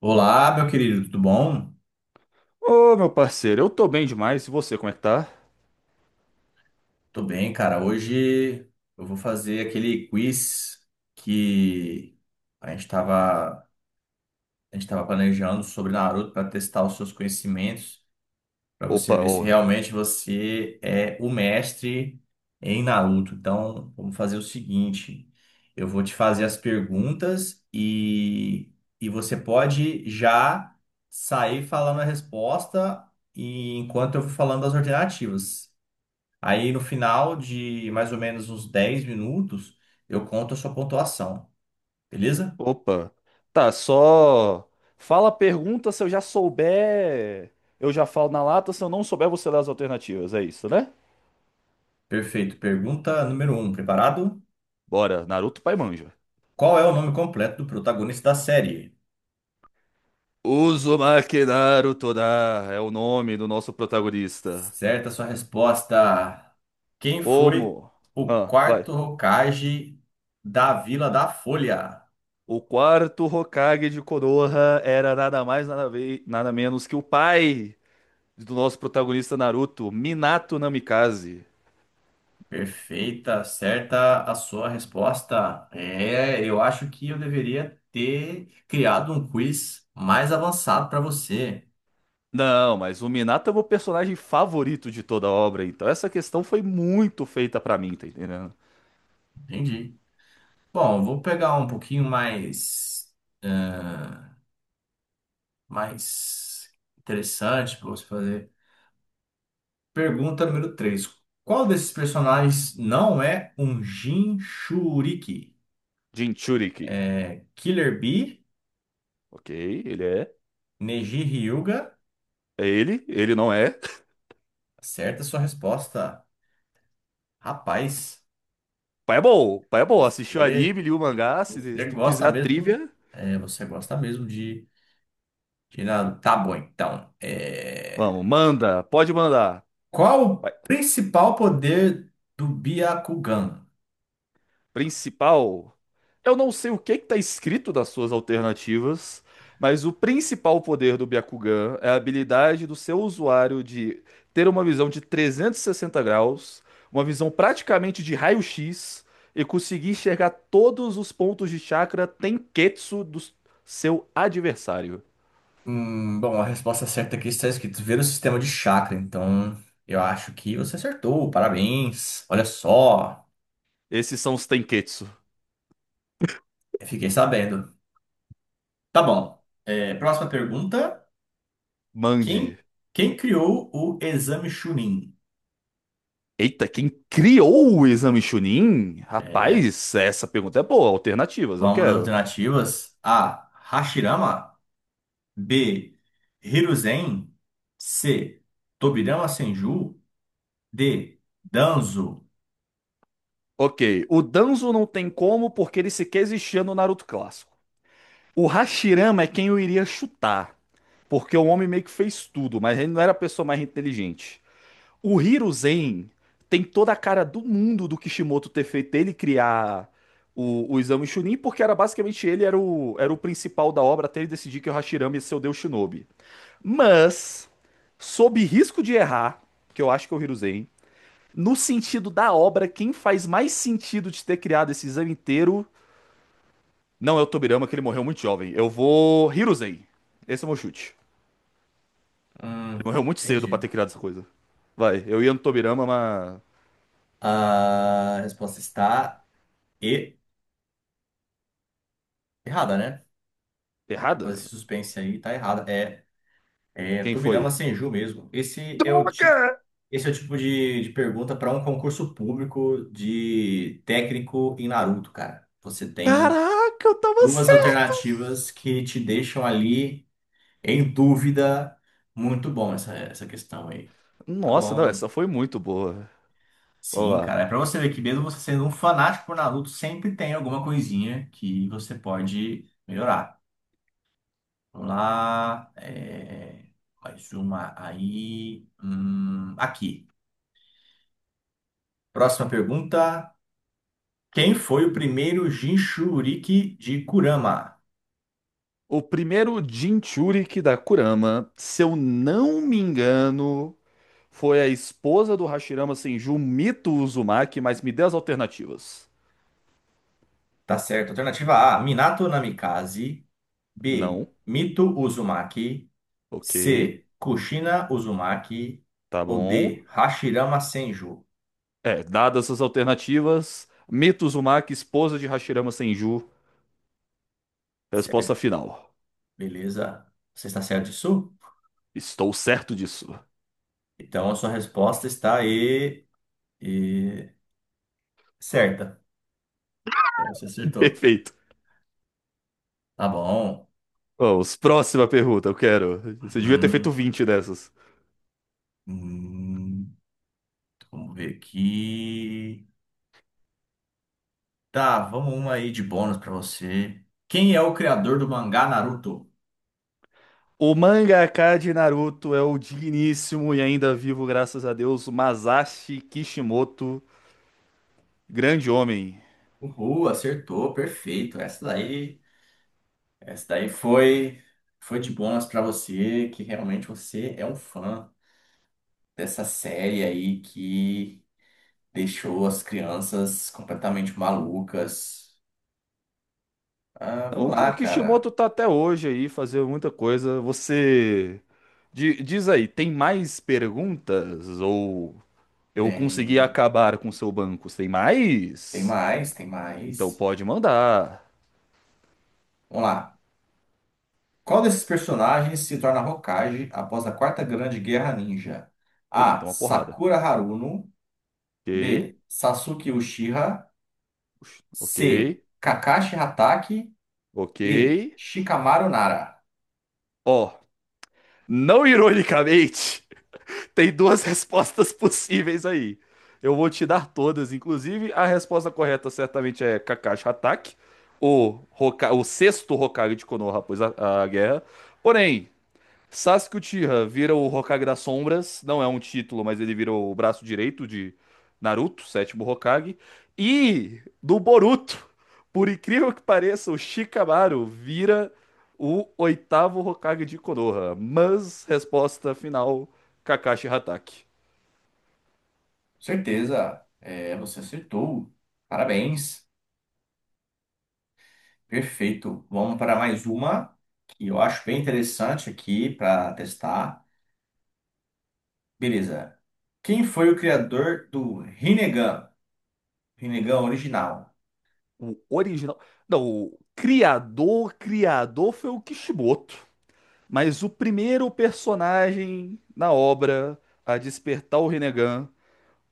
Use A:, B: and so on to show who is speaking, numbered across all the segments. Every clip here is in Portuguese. A: Olá, meu querido, tudo bom?
B: Ô, meu parceiro, eu tô bem demais. E você, como é que tá?
A: Tô bem, cara. Hoje eu vou fazer aquele quiz que a gente tava, a gente tava planejando sobre Naruto para testar os seus conhecimentos, para você
B: Opa,
A: ver
B: ô,
A: se realmente você é o mestre em Naruto. Então, vamos fazer o seguinte: eu vou te fazer as perguntas e você pode já sair falando a resposta e enquanto eu vou falando as alternativas. Aí no final de mais ou menos uns 10 minutos, eu conto a sua pontuação, beleza?
B: opa. Tá, só fala a pergunta. Se eu já souber, eu já falo na lata. Se eu não souber, você dá as alternativas. É isso, né?
A: Perfeito. Pergunta número um, preparado?
B: Bora, Naruto Pai Manja.
A: Qual é o nome completo do protagonista da série?
B: Uzumaki Naruto da é o nome do nosso protagonista.
A: Certa a sua resposta. Quem foi
B: Como?
A: o
B: Ah,
A: quarto
B: vai.
A: Hokage da Vila da Folha?
B: O quarto Hokage de Konoha era nada mais, nada, nada menos que o pai do nosso protagonista Naruto, Minato Namikaze.
A: Perfeita, certa a sua resposta. É, eu acho que eu deveria ter criado um quiz mais avançado para você.
B: Não, mas o Minato é o meu personagem favorito de toda a obra, então essa questão foi muito feita pra mim, tá entendendo?
A: Entendi. Bom, vou pegar um pouquinho ah, mais interessante para você fazer. Pergunta número 3: Qual desses personagens não é um Jinchuriki?
B: Jinchuriki.
A: É Killer Bee,
B: Ok, ele é.
A: Neji Hyuga?
B: É ele, ele não é.
A: Acerta a sua resposta. Rapaz,
B: Pai é bom, pai é bom. Assistiu o
A: você,
B: anime, li o mangá, se
A: você
B: tu quiser
A: gosta
B: a
A: mesmo?
B: trivia,
A: Você gosta mesmo de nada. Tá bom, então.
B: vamos, manda, pode mandar.
A: Qual o principal poder do Byakugan?
B: Principal. Eu não sei o que que tá escrito nas suas alternativas, mas o principal poder do Byakugan é a habilidade do seu usuário de ter uma visão de 360 graus, uma visão praticamente de raio-x e conseguir enxergar todos os pontos de chakra Tenketsu do seu adversário.
A: Bom, a resposta certa aqui está escrito ver o sistema de chakra. Então, eu acho que você acertou. Parabéns. Olha só,
B: Esses são os Tenketsu.
A: eu fiquei sabendo. Tá bom. É, próxima pergunta.
B: Mande.
A: Quem, quem criou o exame Chunin?
B: Eita, quem criou o exame Chunin? Rapaz, essa pergunta é boa. Alternativas, eu
A: Vamos das
B: quero.
A: alternativas. A. Hashirama. B. Hiruzen. C. Tobirama Senju. D. Danzo.
B: Ok, o Danzo não tem como porque ele sequer existia no Naruto clássico. O Hashirama é quem eu iria chutar, porque o homem meio que fez tudo, mas ele não era a pessoa mais inteligente. O Hiruzen tem toda a cara do mundo do Kishimoto ter feito ele criar o Exame Chunin, porque era basicamente ele era o principal da obra até ele decidir que o Hashirama ia ser o Deus Shinobi. Mas, sob risco de errar, que eu acho que é o Hiruzen, no sentido da obra, quem faz mais sentido de ter criado esse exame inteiro não é o Tobirama, que ele morreu muito jovem. Eu vou Hiruzei. Esse é o meu chute. Ele
A: Hum,
B: morreu muito cedo pra
A: entendi.
B: ter criado essa coisa. Vai, eu ia no Tobirama, mas.
A: A resposta está e errada, né? Fazer
B: Errada?
A: esse suspense aí tá errado. É, é
B: Quem
A: Tubirama
B: foi?
A: Senju mesmo. Esse é o tipo,
B: Droga!
A: esse é o tipo de pergunta para um concurso público de técnico em Naruto, cara. Você tem
B: Caraca, eu tava
A: duas
B: certo!
A: alternativas que te deixam ali em dúvida. Muito bom essa questão aí. Tá
B: Nossa, não,
A: bom.
B: essa foi muito boa. Vamos
A: Sim,
B: lá.
A: cara. É pra você ver que mesmo você sendo um fanático por Naruto, sempre tem alguma coisinha que você pode melhorar. Vamos lá. Mais uma aí. Aqui. Próxima pergunta. Quem foi o primeiro Jinchuriki de Kurama?
B: O primeiro Jinchuriki da Kurama, se eu não me engano, foi a esposa do Hashirama Senju, Mito Uzumaki, mas me dê as alternativas.
A: Tá certo. Alternativa A: Minato Namikaze. B:
B: Não.
A: Mito Uzumaki.
B: Ok.
A: C: Kushina Uzumaki.
B: Tá
A: Ou
B: bom.
A: D: Hashirama Senju.
B: É, dadas as alternativas, Mito Uzumaki, esposa de Hashirama Senju.
A: Certo.
B: Resposta final.
A: Beleza. Você está certo disso?
B: Estou certo disso.
A: Então a sua resposta está aí. e- Certa. Então você acertou.
B: Perfeito.
A: Tá bom.
B: Vamos, próxima pergunta, eu quero. Você devia ter feito
A: Hum,
B: 20 dessas.
A: hum, Vamos ver aqui. Tá, vamos uma aí de bônus pra você. Quem é o criador do mangá Naruto?
B: O mangaka de Naruto é o digníssimo e ainda vivo, graças a Deus, Masashi Kishimoto, grande homem.
A: Uhul, acertou, perfeito. Essa daí foi de bônus pra você, que realmente você é um fã dessa série aí que deixou as crianças completamente malucas. Ah,
B: Não,
A: vamos
B: o
A: lá, cara.
B: Kishimoto tá até hoje aí fazendo muita coisa. Você diz aí, tem mais perguntas? Ou eu consegui
A: Tem,
B: acabar com seu banco? Tem
A: Tem
B: mais?
A: mais, tem
B: Então
A: mais.
B: pode mandar.
A: Vamos lá. Qual desses personagens se torna Hokage após a Quarta Grande Guerra Ninja?
B: Eita,
A: A.
B: tem uma porrada.
A: Sakura Haruno.
B: Ok,
A: B. Sasuke Uchiha.
B: ok,
A: C. Kakashi Hatake.
B: ok.
A: D. Shikamaru Nara.
B: Ó, não ironicamente. Tem duas respostas possíveis aí. Eu vou te dar todas, inclusive a resposta correta certamente é Kakashi Hatake, o sexto Hokage de Konoha após a guerra. Porém, Sasuke Uchiha vira o Hokage das Sombras, não é um título, mas ele vira o braço direito de Naruto, sétimo Hokage. E do Boruto, por incrível que pareça, o Shikamaru vira o oitavo Hokage de Konoha. Mas resposta final, Kakashi Hatake.
A: Certeza. É, você acertou. Parabéns. Perfeito. Vamos para mais uma que eu acho bem interessante aqui para testar. Beleza. Quem foi o criador do Rinnegan? Rinnegan original.
B: O original, não, o criador, criador foi o Kishimoto, mas o primeiro personagem na obra a despertar o Rinnegan.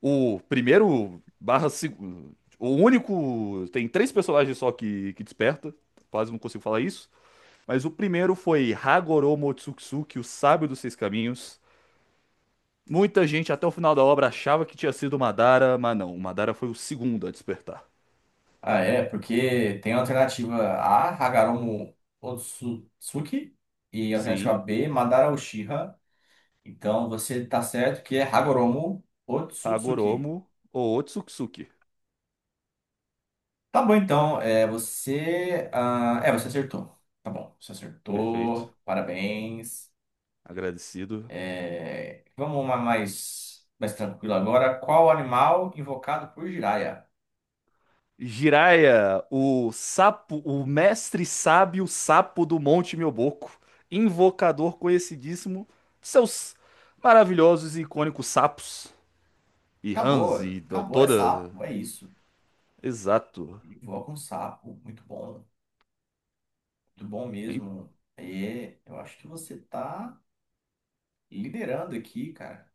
B: O primeiro barra segundo. O único. Tem três personagens só que desperta. Quase não consigo falar isso. Mas o primeiro foi Hagoro Motsutsuki, o sábio dos seis caminhos. Muita gente até o final da obra achava que tinha sido o Madara, mas não. O Madara foi o segundo a despertar.
A: Ah, é, porque tem a alternativa A, Hagoromo Otsutsuki, e a alternativa
B: Sim,
A: B, Madara Uchiha. Então você tá certo que é Hagoromo Otsutsuki.
B: Hagoromo ou Otsutsuki.
A: Tá bom, então, você acertou. Tá bom, você
B: Perfeito.
A: acertou, parabéns.
B: Agradecido.
A: É, vamos uma mais tranquila agora. Qual animal invocado por Jiraiya?
B: Jiraiya, o sapo, o mestre sábio sapo do Monte Mioboco, invocador conhecidíssimo, seus maravilhosos e icônicos sapos e
A: Acabou,
B: Hans e
A: acabou, é
B: toda.
A: sapo, é isso.
B: Exato.
A: Ele invoca um sapo, muito bom. Muito bom
B: Em-
A: mesmo. É, eu acho que você tá liderando aqui, cara.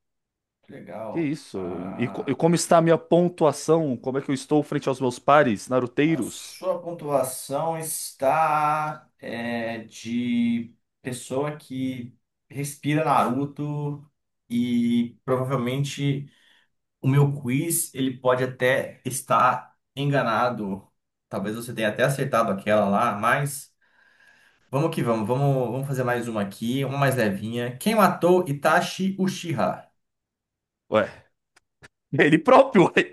A: Que
B: Que
A: legal.
B: isso? E
A: A,
B: como está a minha pontuação? Como é que eu estou frente aos meus pares
A: a
B: naruteiros?
A: sua pontuação está de pessoa que respira Naruto e provavelmente o meu quiz ele pode até estar enganado. Talvez você tenha até acertado aquela lá, mas vamos que vamos. Vamos fazer mais uma aqui, uma mais levinha. Quem matou Itachi Uchiha?
B: Ué, ele próprio, ué.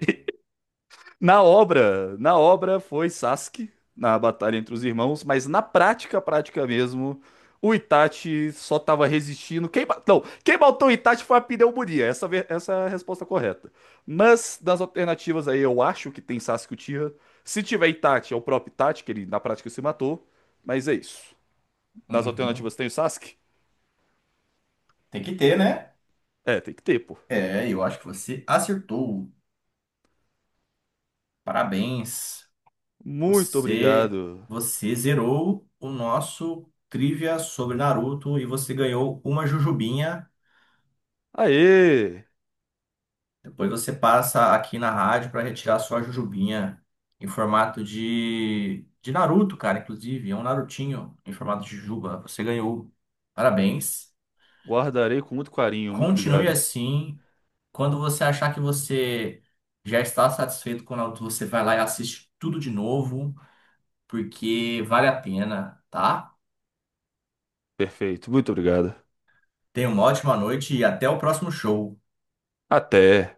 B: Na obra foi Sasuke na batalha entre os irmãos, mas na prática, prática mesmo, o Itachi só tava resistindo. Não, quem matou o Itachi foi a pneumonia. Essa é a resposta correta. Mas das alternativas aí, eu acho que tem Sasuke Uchiha. Se tiver Itachi, é o próprio Itachi, que ele na prática se matou. Mas é isso. Nas
A: Uhum.
B: alternativas tem o Sasuke?
A: Tem que ter, né?
B: É, tem que ter, pô.
A: É, eu acho que você acertou. Parabéns.
B: Muito
A: Você,
B: obrigado.
A: você zerou o nosso trivia sobre Naruto e você ganhou uma jujubinha.
B: Aê!
A: Depois você passa aqui na rádio para retirar sua jujubinha em formato de Naruto, cara, inclusive. É um Narutinho em formato de jujuba. Você ganhou. Parabéns.
B: Guardarei com muito carinho. Muito
A: Continue
B: obrigado.
A: assim. Quando você achar que você já está satisfeito com o Naruto, você vai lá e assiste tudo de novo, porque vale a pena, tá?
B: Perfeito. Muito obrigado.
A: Tenha uma ótima noite e até o próximo show.
B: Até.